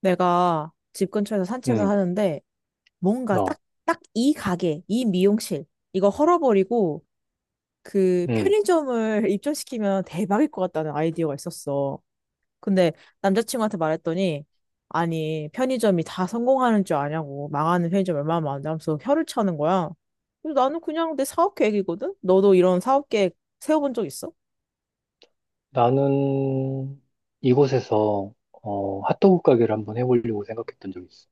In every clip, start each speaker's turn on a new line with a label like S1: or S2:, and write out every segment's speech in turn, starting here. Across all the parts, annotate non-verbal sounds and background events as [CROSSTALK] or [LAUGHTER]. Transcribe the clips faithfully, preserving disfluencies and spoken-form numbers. S1: 내가 집 근처에서 산책을
S2: 응.
S1: 하는데 뭔가 딱,
S2: 너.
S1: 딱 이 가게, 이 미용실 이거 헐어버리고 그
S2: 응,
S1: 편의점을 [LAUGHS] 입점시키면 대박일 것 같다는 아이디어가 있었어. 근데 남자친구한테 말했더니 아니 편의점이 다 성공하는 줄 아냐고 망하는 편의점 얼마나 많은데 하면서 혀를 차는 거야. 그래서 나는 그냥 내 사업 계획이거든? 너도 이런 사업 계획 세워본 적 있어?
S2: 나는 이곳에서 어, 핫도그 가게를 한번 해보려고 생각했던 적이 있어.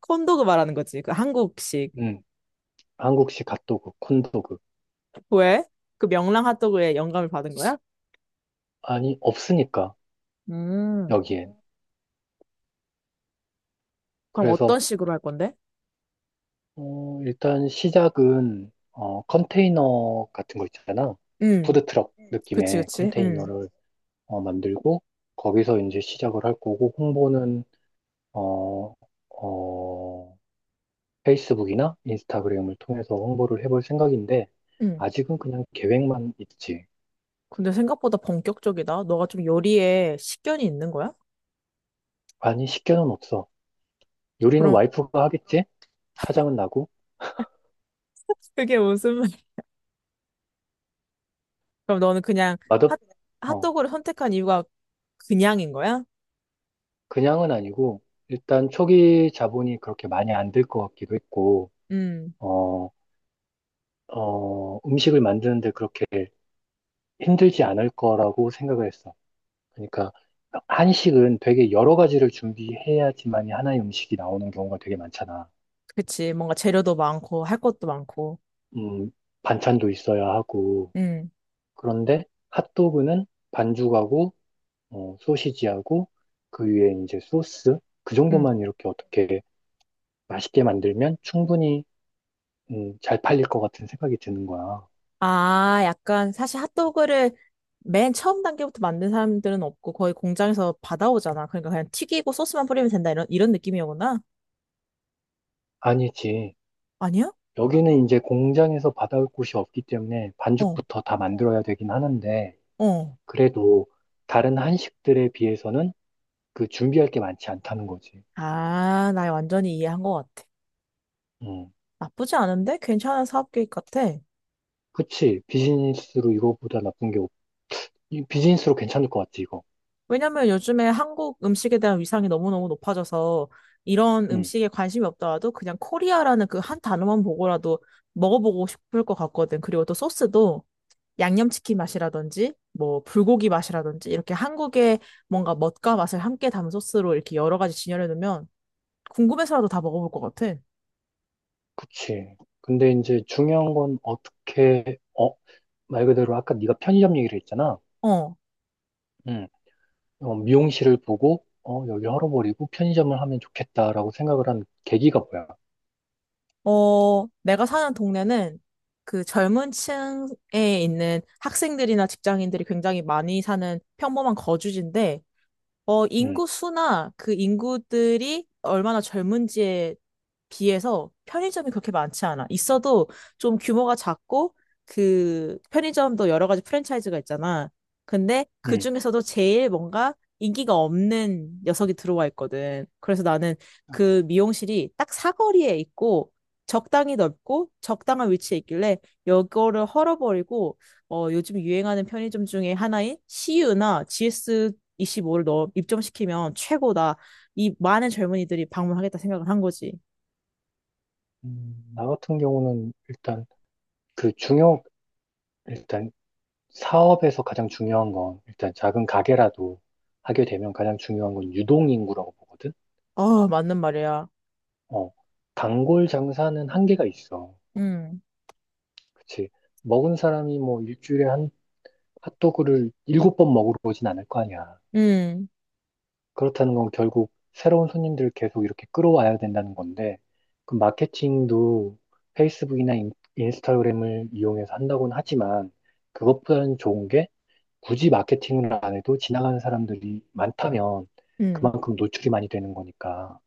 S1: 콘도그 말하는 거지. 그 한국식.
S2: 응, 한국식 핫도그, 콘도그.
S1: 왜? 그 명랑 핫도그에 영감을 받은 거야?
S2: 아니, 없으니까,
S1: 음.
S2: 여기엔.
S1: 그럼
S2: 그래서,
S1: 어떤 식으로 할 건데?
S2: 어, 일단 시작은, 어, 컨테이너 같은 거 있잖아.
S1: 응,
S2: 푸드트럭 음,
S1: 그치,
S2: 느낌의
S1: 그치. 응,
S2: 컨테이너를 어, 만들고, 거기서 이제 시작을 할 거고, 홍보는, 어, 어, 페이스북이나 인스타그램을 통해서 홍보를 해볼 생각인데,
S1: 응.
S2: 아직은 그냥 계획만 있지.
S1: 근데 생각보다 본격적이다. 너가 좀 요리에 식견이 있는 거야?
S2: 아니, 식견은 없어. 요리는
S1: 그럼
S2: 와이프가 하겠지? 사장은 나고.
S1: [LAUGHS] 그게 무슨 말? 그럼 너는 그냥
S2: 맛없,
S1: 핫
S2: 어,
S1: 핫도그를 선택한 이유가 그냥인 거야?
S2: 그냥은 아니고, 일단 초기 자본이 그렇게 많이 안 들 것 같기도 했고,
S1: 응,
S2: 어, 어, 음식을 만드는데 그렇게 힘들지 않을 거라고 생각을 했어. 그러니까, 한식은 되게 여러 가지를 준비해야지만이 하나의 음식이 나오는 경우가 되게 많잖아.
S1: 그치. 뭔가 재료도 많고 할 것도 많고.
S2: 음, 반찬도 있어야 하고,
S1: 응,
S2: 그런데 핫도그는 반죽하고 어, 소시지하고 그 위에 이제 소스 그
S1: 응.
S2: 정도만 이렇게 어떻게 맛있게 만들면 충분히 음, 잘 팔릴 것 같은 생각이 드는 거야.
S1: 아, 약간 사실 핫도그를 맨 처음 단계부터 만든 사람들은 없고 거의 공장에서 받아오잖아. 그러니까 그냥 튀기고 소스만 뿌리면 된다 이런 이런 느낌이었구나.
S2: 아니지.
S1: 아니야?
S2: 여기는 이제 공장에서 받아올 곳이 없기 때문에
S1: 어,
S2: 반죽부터 다 만들어야 되긴 하는데
S1: 어.
S2: 그래도 다른 한식들에 비해서는 그 준비할 게 많지 않다는 거지.
S1: 아, 나 완전히 이해한 것 같아.
S2: 음.
S1: 나쁘지 않은데? 괜찮은 사업 계획 같아.
S2: 그치. 비즈니스로 이거보다 나쁜 게 없, 이 비즈니스로 괜찮을 것 같지, 이거.
S1: 왜냐면 요즘에 한국 음식에 대한 위상이 너무너무 높아져서 이런
S2: 음.
S1: 음식에 관심이 없더라도 그냥 코리아라는 그 한 단어만 보고라도 먹어보고 싶을 것 같거든. 그리고 또 소스도 양념치킨 맛이라든지 뭐 불고기 맛이라든지 이렇게 한국의 뭔가 멋과 맛을 함께 담은 소스로 이렇게 여러 가지 진열해 놓으면 궁금해서라도 다 먹어볼 것 같아.
S2: 그치. 근데 이제 중요한 건 어떻게, 어, 말 그대로 아까 네가 편의점 얘기를 했잖아.
S1: 어.
S2: 음. 어, 미용실을 보고, 어, 여기 헐어버리고 편의점을 하면 좋겠다라고 생각을 한 계기가 뭐야?
S1: 어, 내가 사는 동네는 그 젊은 층에 있는 학생들이나 직장인들이 굉장히 많이 사는 평범한 거주지인데 어,
S2: 음,
S1: 인구 수나 그 인구들이 얼마나 젊은지에 비해서 편의점이 그렇게 많지 않아. 있어도 좀 규모가 작고 그 편의점도 여러 가지 프랜차이즈가 있잖아. 근데 그
S2: 음.
S1: 중에서도 제일 뭔가 인기가 없는 녀석이 들어와 있거든. 그래서 나는
S2: 아,
S1: 그 미용실이 딱 사거리에 있고 적당히 넓고 적당한 위치에 있길래 이거를 헐어버리고 어, 요즘 유행하는 편의점 중에 하나인 씨유나 지에스 이십오를 넣 입점시키면 최고다. 이 많은 젊은이들이 방문하겠다 생각을 한 거지.
S2: 음, 나 같은 경우는 일단 그 중요, 일단 사업에서 가장 중요한 건 일단 작은 가게라도 하게 되면 가장 중요한 건 유동인구라고 보거든.
S1: 아, 맞는 말이야.
S2: 어, 단골 장사는 한계가 있어.
S1: 음,
S2: 그치. 먹은 사람이 뭐 일주일에 한 핫도그를 일곱 번 먹으러 오진 않을 거 아니야.
S1: 음,
S2: 그렇다는 건 결국 새로운 손님들을 계속 이렇게 끌어와야 된다는 건데, 그 마케팅도 페이스북이나 인, 스타그램을 이용해서 한다고는 하지만, 그것보다는 좋은 게 굳이 마케팅을 안 해도 지나가는 사람들이 많다면
S1: 음.
S2: 그만큼 노출이 많이 되는 거니까.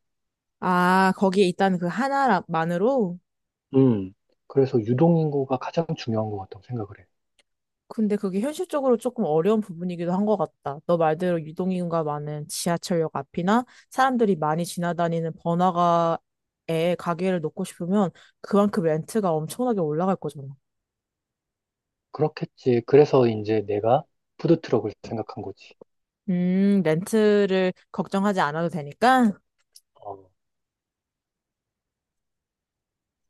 S1: 아, 거기에 있다는 그 하나만으로?
S2: 음, 그래서 유동인구가 가장 중요한 것 같다고 생각을 해.
S1: 근데 그게 현실적으로 조금 어려운 부분이기도 한 것 같다. 너 말대로 유동인구가 많은 지하철역 앞이나 사람들이 많이 지나다니는 번화가에 가게를 놓고 싶으면 그만큼 렌트가 엄청나게 올라갈 거잖아.
S2: 그렇겠지. 그래서 이제 내가 푸드트럭을 생각한 거지.
S1: 음, 렌트를 걱정하지 않아도 되니까?
S2: 어,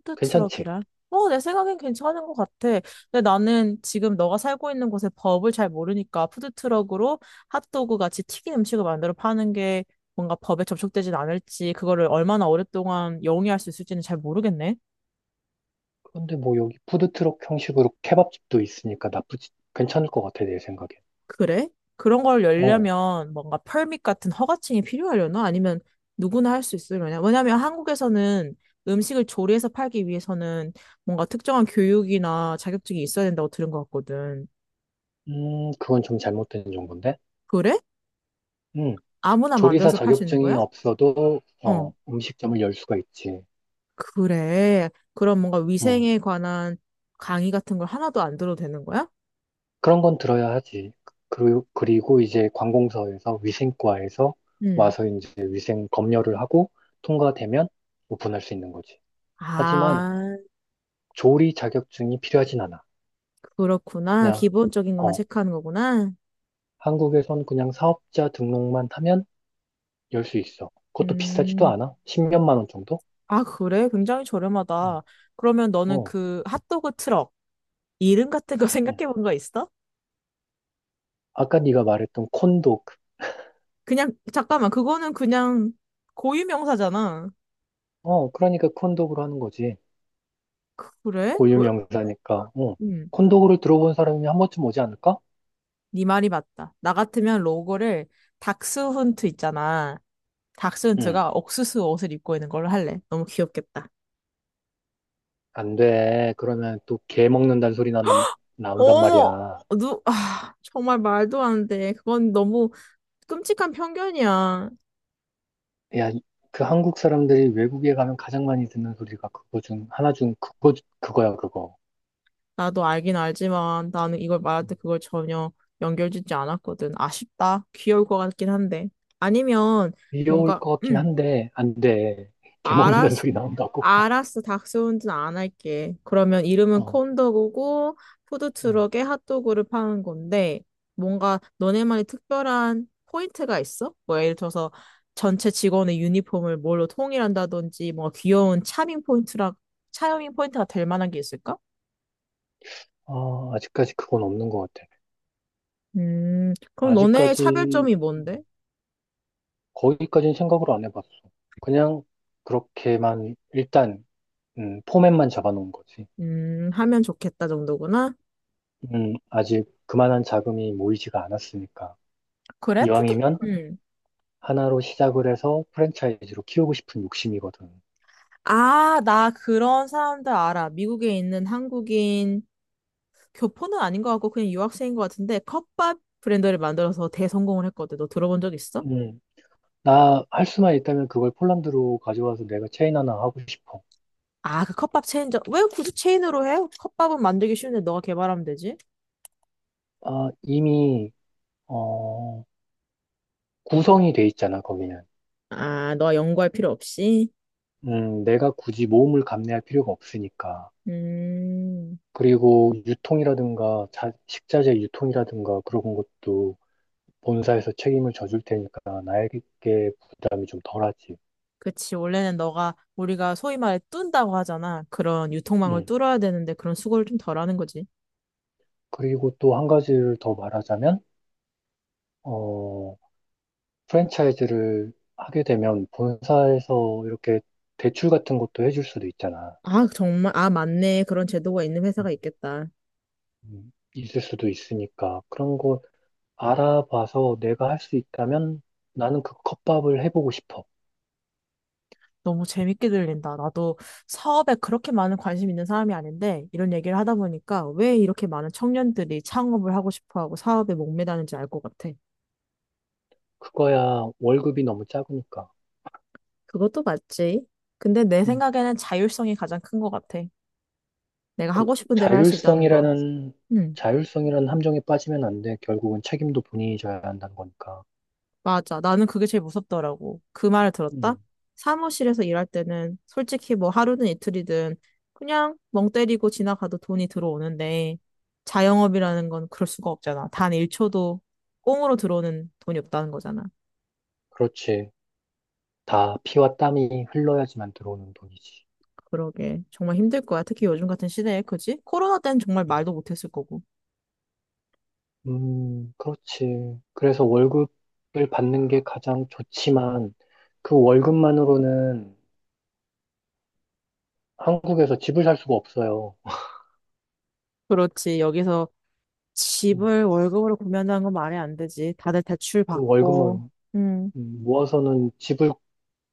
S1: 푸드
S2: 괜찮지?
S1: 트럭이라? 어, 내 생각엔 괜찮은 것 같아. 근데 나는 지금 너가 살고 있는 곳의 법을 잘 모르니까 푸드 트럭으로 핫도그 같이 튀긴 음식을 만들어 파는 게 뭔가 법에 접촉되진 않을지, 그거를 얼마나 오랫동안 영위할 수 있을지는 잘 모르겠네.
S2: 근데 뭐 여기 푸드트럭 형식으로 케밥집도 있으니까 나쁘지, 괜찮을 것 같아, 내 생각엔.
S1: 그래? 그런 걸
S2: 어,
S1: 열려면 뭔가 펄밋 같은 허가증이 필요하려나? 아니면 누구나 할 수 있으려나? 왜냐면 한국에서는 음식을 조리해서 팔기 위해서는 뭔가 특정한 교육이나 자격증이 있어야 된다고 들은 것 같거든.
S2: 음, 그건 좀 잘못된 정보인데?
S1: 그래?
S2: 음,
S1: 아무나
S2: 조리사
S1: 만들어서 팔 수 있는
S2: 자격증이
S1: 거야?
S2: 없어도,
S1: 어,
S2: 어, 음식점을 열 수가 있지.
S1: 그래. 그럼 뭔가
S2: 음,
S1: 위생에 관한 강의 같은 걸 하나도 안 들어도 되는 거야?
S2: 그런 건 들어야 하지. 그리고, 그리고 이제 관공서에서 위생과에서
S1: 음.
S2: 와서 이제 위생 검열을 하고 통과되면 오픈할 수 있는 거지. 하지만
S1: 아,
S2: 조리 자격증이 필요하진 않아.
S1: 그렇구나.
S2: 그냥,
S1: 기본적인 것만
S2: 어,
S1: 체크하는 거구나.
S2: 한국에선 그냥 사업자 등록만 하면 열 수 있어. 그것도 비싸지도
S1: 음.
S2: 않아. 십몇만 원 정도?
S1: 아, 그래? 굉장히 저렴하다. 그러면
S2: 응.
S1: 너는
S2: 어.
S1: 그 핫도그 트럭, 이름 같은 거 [LAUGHS]
S2: 응.
S1: 생각해 본 거 있어?
S2: 아까 네가 말했던 콘도그.
S1: 그냥, 잠깐만. 그거는 그냥 고유명사잖아.
S2: 어, 그러니까 콘도그로 하는 거지.
S1: 그래?
S2: 고유
S1: 왜?
S2: 명사니까. 어.
S1: 음.
S2: 콘도그를 들어본 사람이 한 번쯤 오지 않을까?
S1: 네 말이 맞다. 나 같으면 로고를 닥스훈트 있잖아.
S2: 응.
S1: 닥스훈트가 옥수수 옷을 입고 있는 걸로 할래. 너무 귀엽겠다.
S2: 안 돼. 그러면 또 개 먹는다는 소리 나온단, 마- 나온단
S1: 어머,
S2: 말이야.
S1: 누, 아, 정말 말도 안 돼. 그건 너무 끔찍한 편견이야.
S2: 야, 이- 그 한국 사람들이 외국에 가면 가장 많이 듣는 소리가 그거 중, 하나 중 그거, 그거야, 그거.
S1: 나도 알긴 알지만 나는 이걸 말할 때
S2: 음.
S1: 그걸 전혀 연결짓지 않았거든. 아쉽다. 귀여울 것 같긴 한데. 아니면
S2: 귀여울
S1: 뭔가,
S2: 것 같긴
S1: 음,
S2: 한데, 안 돼. 개 먹는다는
S1: 알았,
S2: 소리 나온다고.
S1: 알았어, 닥스훈진 안 할게. 그러면 이름은
S2: 어,
S1: 콘도그고
S2: 어.
S1: 푸드트럭에 핫도그를 파는 건데 뭔가 너네만의 특별한 포인트가 있어? 뭐 예를 들어서 전체 직원의 유니폼을 뭘로 통일한다든지 뭔가 귀여운 차밍 포인트라 차밍 포인트가 될 만한 게 있을까?
S2: 아, 아직까지 그건 없는 것 같아.
S1: 음, 그럼 너네의
S2: 아직까지
S1: 차별점이 뭔데?
S2: 거기까지는 생각을 안 해봤어. 그냥 그렇게만 일단 음, 포맷만 잡아놓은 거지.
S1: 음, 하면 좋겠다 정도구나.
S2: 음, 아직 그만한 자금이 모이지가 않았으니까.
S1: 그래? 푸드
S2: 이왕이면
S1: 음.
S2: 하나로 시작을 해서 프랜차이즈로 키우고 싶은 욕심이거든.
S1: 아, 나 그런 사람들 알아. 미국에 있는 한국인 교포는 아닌 것 같고 그냥 유학생인 것 같은데 컵밥 브랜드를 만들어서 대성공을 했거든. 너 들어본 적 있어?
S2: 음, 나 할 수만 있다면 그걸 폴란드로 가져와서 내가 체인 하나 하고 싶어.
S1: 아, 그 컵밥 체인점. 왜 굳이 체인으로 해? 컵밥은 만들기 쉬운데 너가 개발하면 되지.
S2: 아, 이미 어, 구성이 돼 있잖아, 거기는.
S1: 아, 너가 연구할 필요 없이?
S2: 음, 내가 굳이 모험을 감내할 필요가 없으니까.
S1: 음,
S2: 그리고 유통이라든가 자- 식자재 유통이라든가 그런 것도 본사에서 책임을 져줄 테니까 나에게 부담이 좀 덜하지.
S1: 그치. 원래는 너가 우리가 소위 말해 뚠다고 하잖아. 그런 유통망을
S2: 음.
S1: 뚫어야 되는데 그런 수고를 좀 덜 하는 거지.
S2: 그리고 또 한 가지를 더 말하자면, 어, 프랜차이즈를 하게 되면 본사에서 이렇게 대출 같은 것도 해줄 수도 있잖아.
S1: 아, 정말. 아, 맞네. 그런 제도가 있는
S2: 음.
S1: 회사가 있겠다.
S2: 음, 있을 수도 있으니까 그런 거 알아봐서 내가 할 수 있다면 나는 그 컵밥을 해보고 싶어.
S1: 너무 재밌게 들린다. 나도 사업에 그렇게 많은 관심 있는 사람이 아닌데, 이런 얘기를 하다 보니까 왜 이렇게 많은 청년들이 창업을 하고 싶어 하고 사업에 목매다는지 알 것 같아.
S2: 그거야 월급이 너무 작으니까.
S1: 그것도 맞지. 근데 내 생각에는 자율성이 가장 큰 것 같아. 내가
S2: 그
S1: 하고 싶은 대로 할 수 있다는 거.
S2: 자율성이라는
S1: 음.
S2: 자율성이라는 함정에 빠지면 안 돼. 결국은 책임도 본인이 져야 한다는 거니까.
S1: 맞아. 나는 그게 제일 무섭더라고. 그 말을 들었다?
S2: 음,
S1: 사무실에서 일할 때는 솔직히 뭐 하루든 이틀이든 그냥 멍 때리고 지나가도 돈이 들어오는데 자영업이라는 건 그럴 수가 없잖아. 단 일 초도 꽁으로 들어오는 돈이 없다는 거잖아.
S2: 그렇지. 다 피와 땀이 흘러야지만 들어오는 돈이지.
S1: 그러게. 정말 힘들 거야. 특히 요즘 같은 시대에, 그지? 코로나 때는 정말 말도 못했을 거고.
S2: 음, 그렇지. 그래서 월급을 받는 게 가장 좋지만 그 월급만으로는 한국에서 집을 살 수가 없어요.
S1: 그렇지. 여기서
S2: 음,
S1: 집을 월급으로 구매한다는 건 말이 안 되지. 다들 대출
S2: 그
S1: 받고.
S2: 월급만
S1: 음,
S2: 음, 모아서는 집을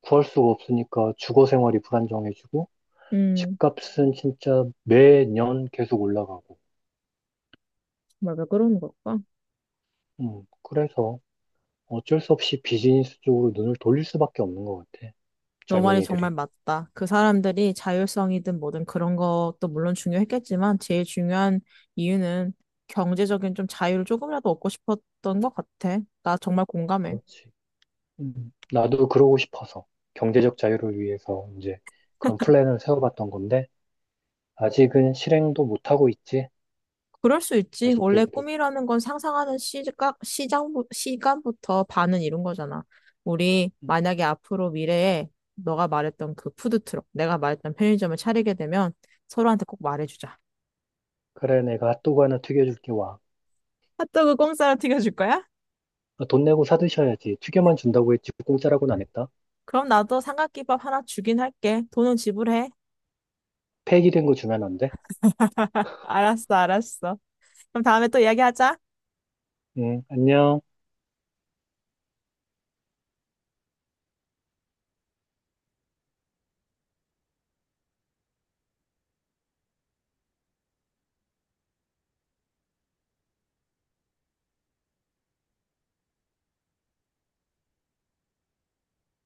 S2: 구할 수가 없으니까 주거 생활이 불안정해지고
S1: 음,
S2: 집값은 진짜 매년 계속 올라가고.
S1: 정말 왜 그러는 걸까?
S2: 음, 그래서 어쩔 수 없이 비즈니스 쪽으로 눈을 돌릴 수밖에 없는 것 같아.
S1: 너 말이 정말
S2: 젊은이들이.
S1: 맞다. 그 사람들이 자율성이든 뭐든 그런 것도 물론 중요했겠지만 제일 중요한 이유는 경제적인 좀 자유를 조금이라도 얻고 싶었던 것 같아. 나 정말 공감해.
S2: 그렇지. 음, 나도 그러고 싶어서 경제적 자유를 위해서 이제 그런 플랜을 세워봤던 건데 아직은 실행도 못하고 있지.
S1: 그럴 수 있지. 원래
S2: 아쉽게도.
S1: 꿈이라는 건 상상하는 시각, 시장, 시간부터 반은 이룬 거잖아. 우리
S2: 음,
S1: 만약에 앞으로 미래에 너가 말했던 그 푸드트럭, 내가 말했던 편의점을 차리게 되면 서로한테 꼭 말해주자.
S2: 그래, 내가 핫도그 하나 튀겨줄게 와.
S1: 핫도그 공짜로 튀겨줄 거야?
S2: 아, 돈 내고 사드셔야지. 튀겨만 준다고 했지 공짜라고는 안 했다.
S1: 그럼 나도 삼각김밥 하나 주긴 할게. 돈은 지불해.
S2: 폐기된 거 주면 안 돼?
S1: 알았어, 알았어. 그럼 다음에 또 이야기하자.
S2: 응, 안녕.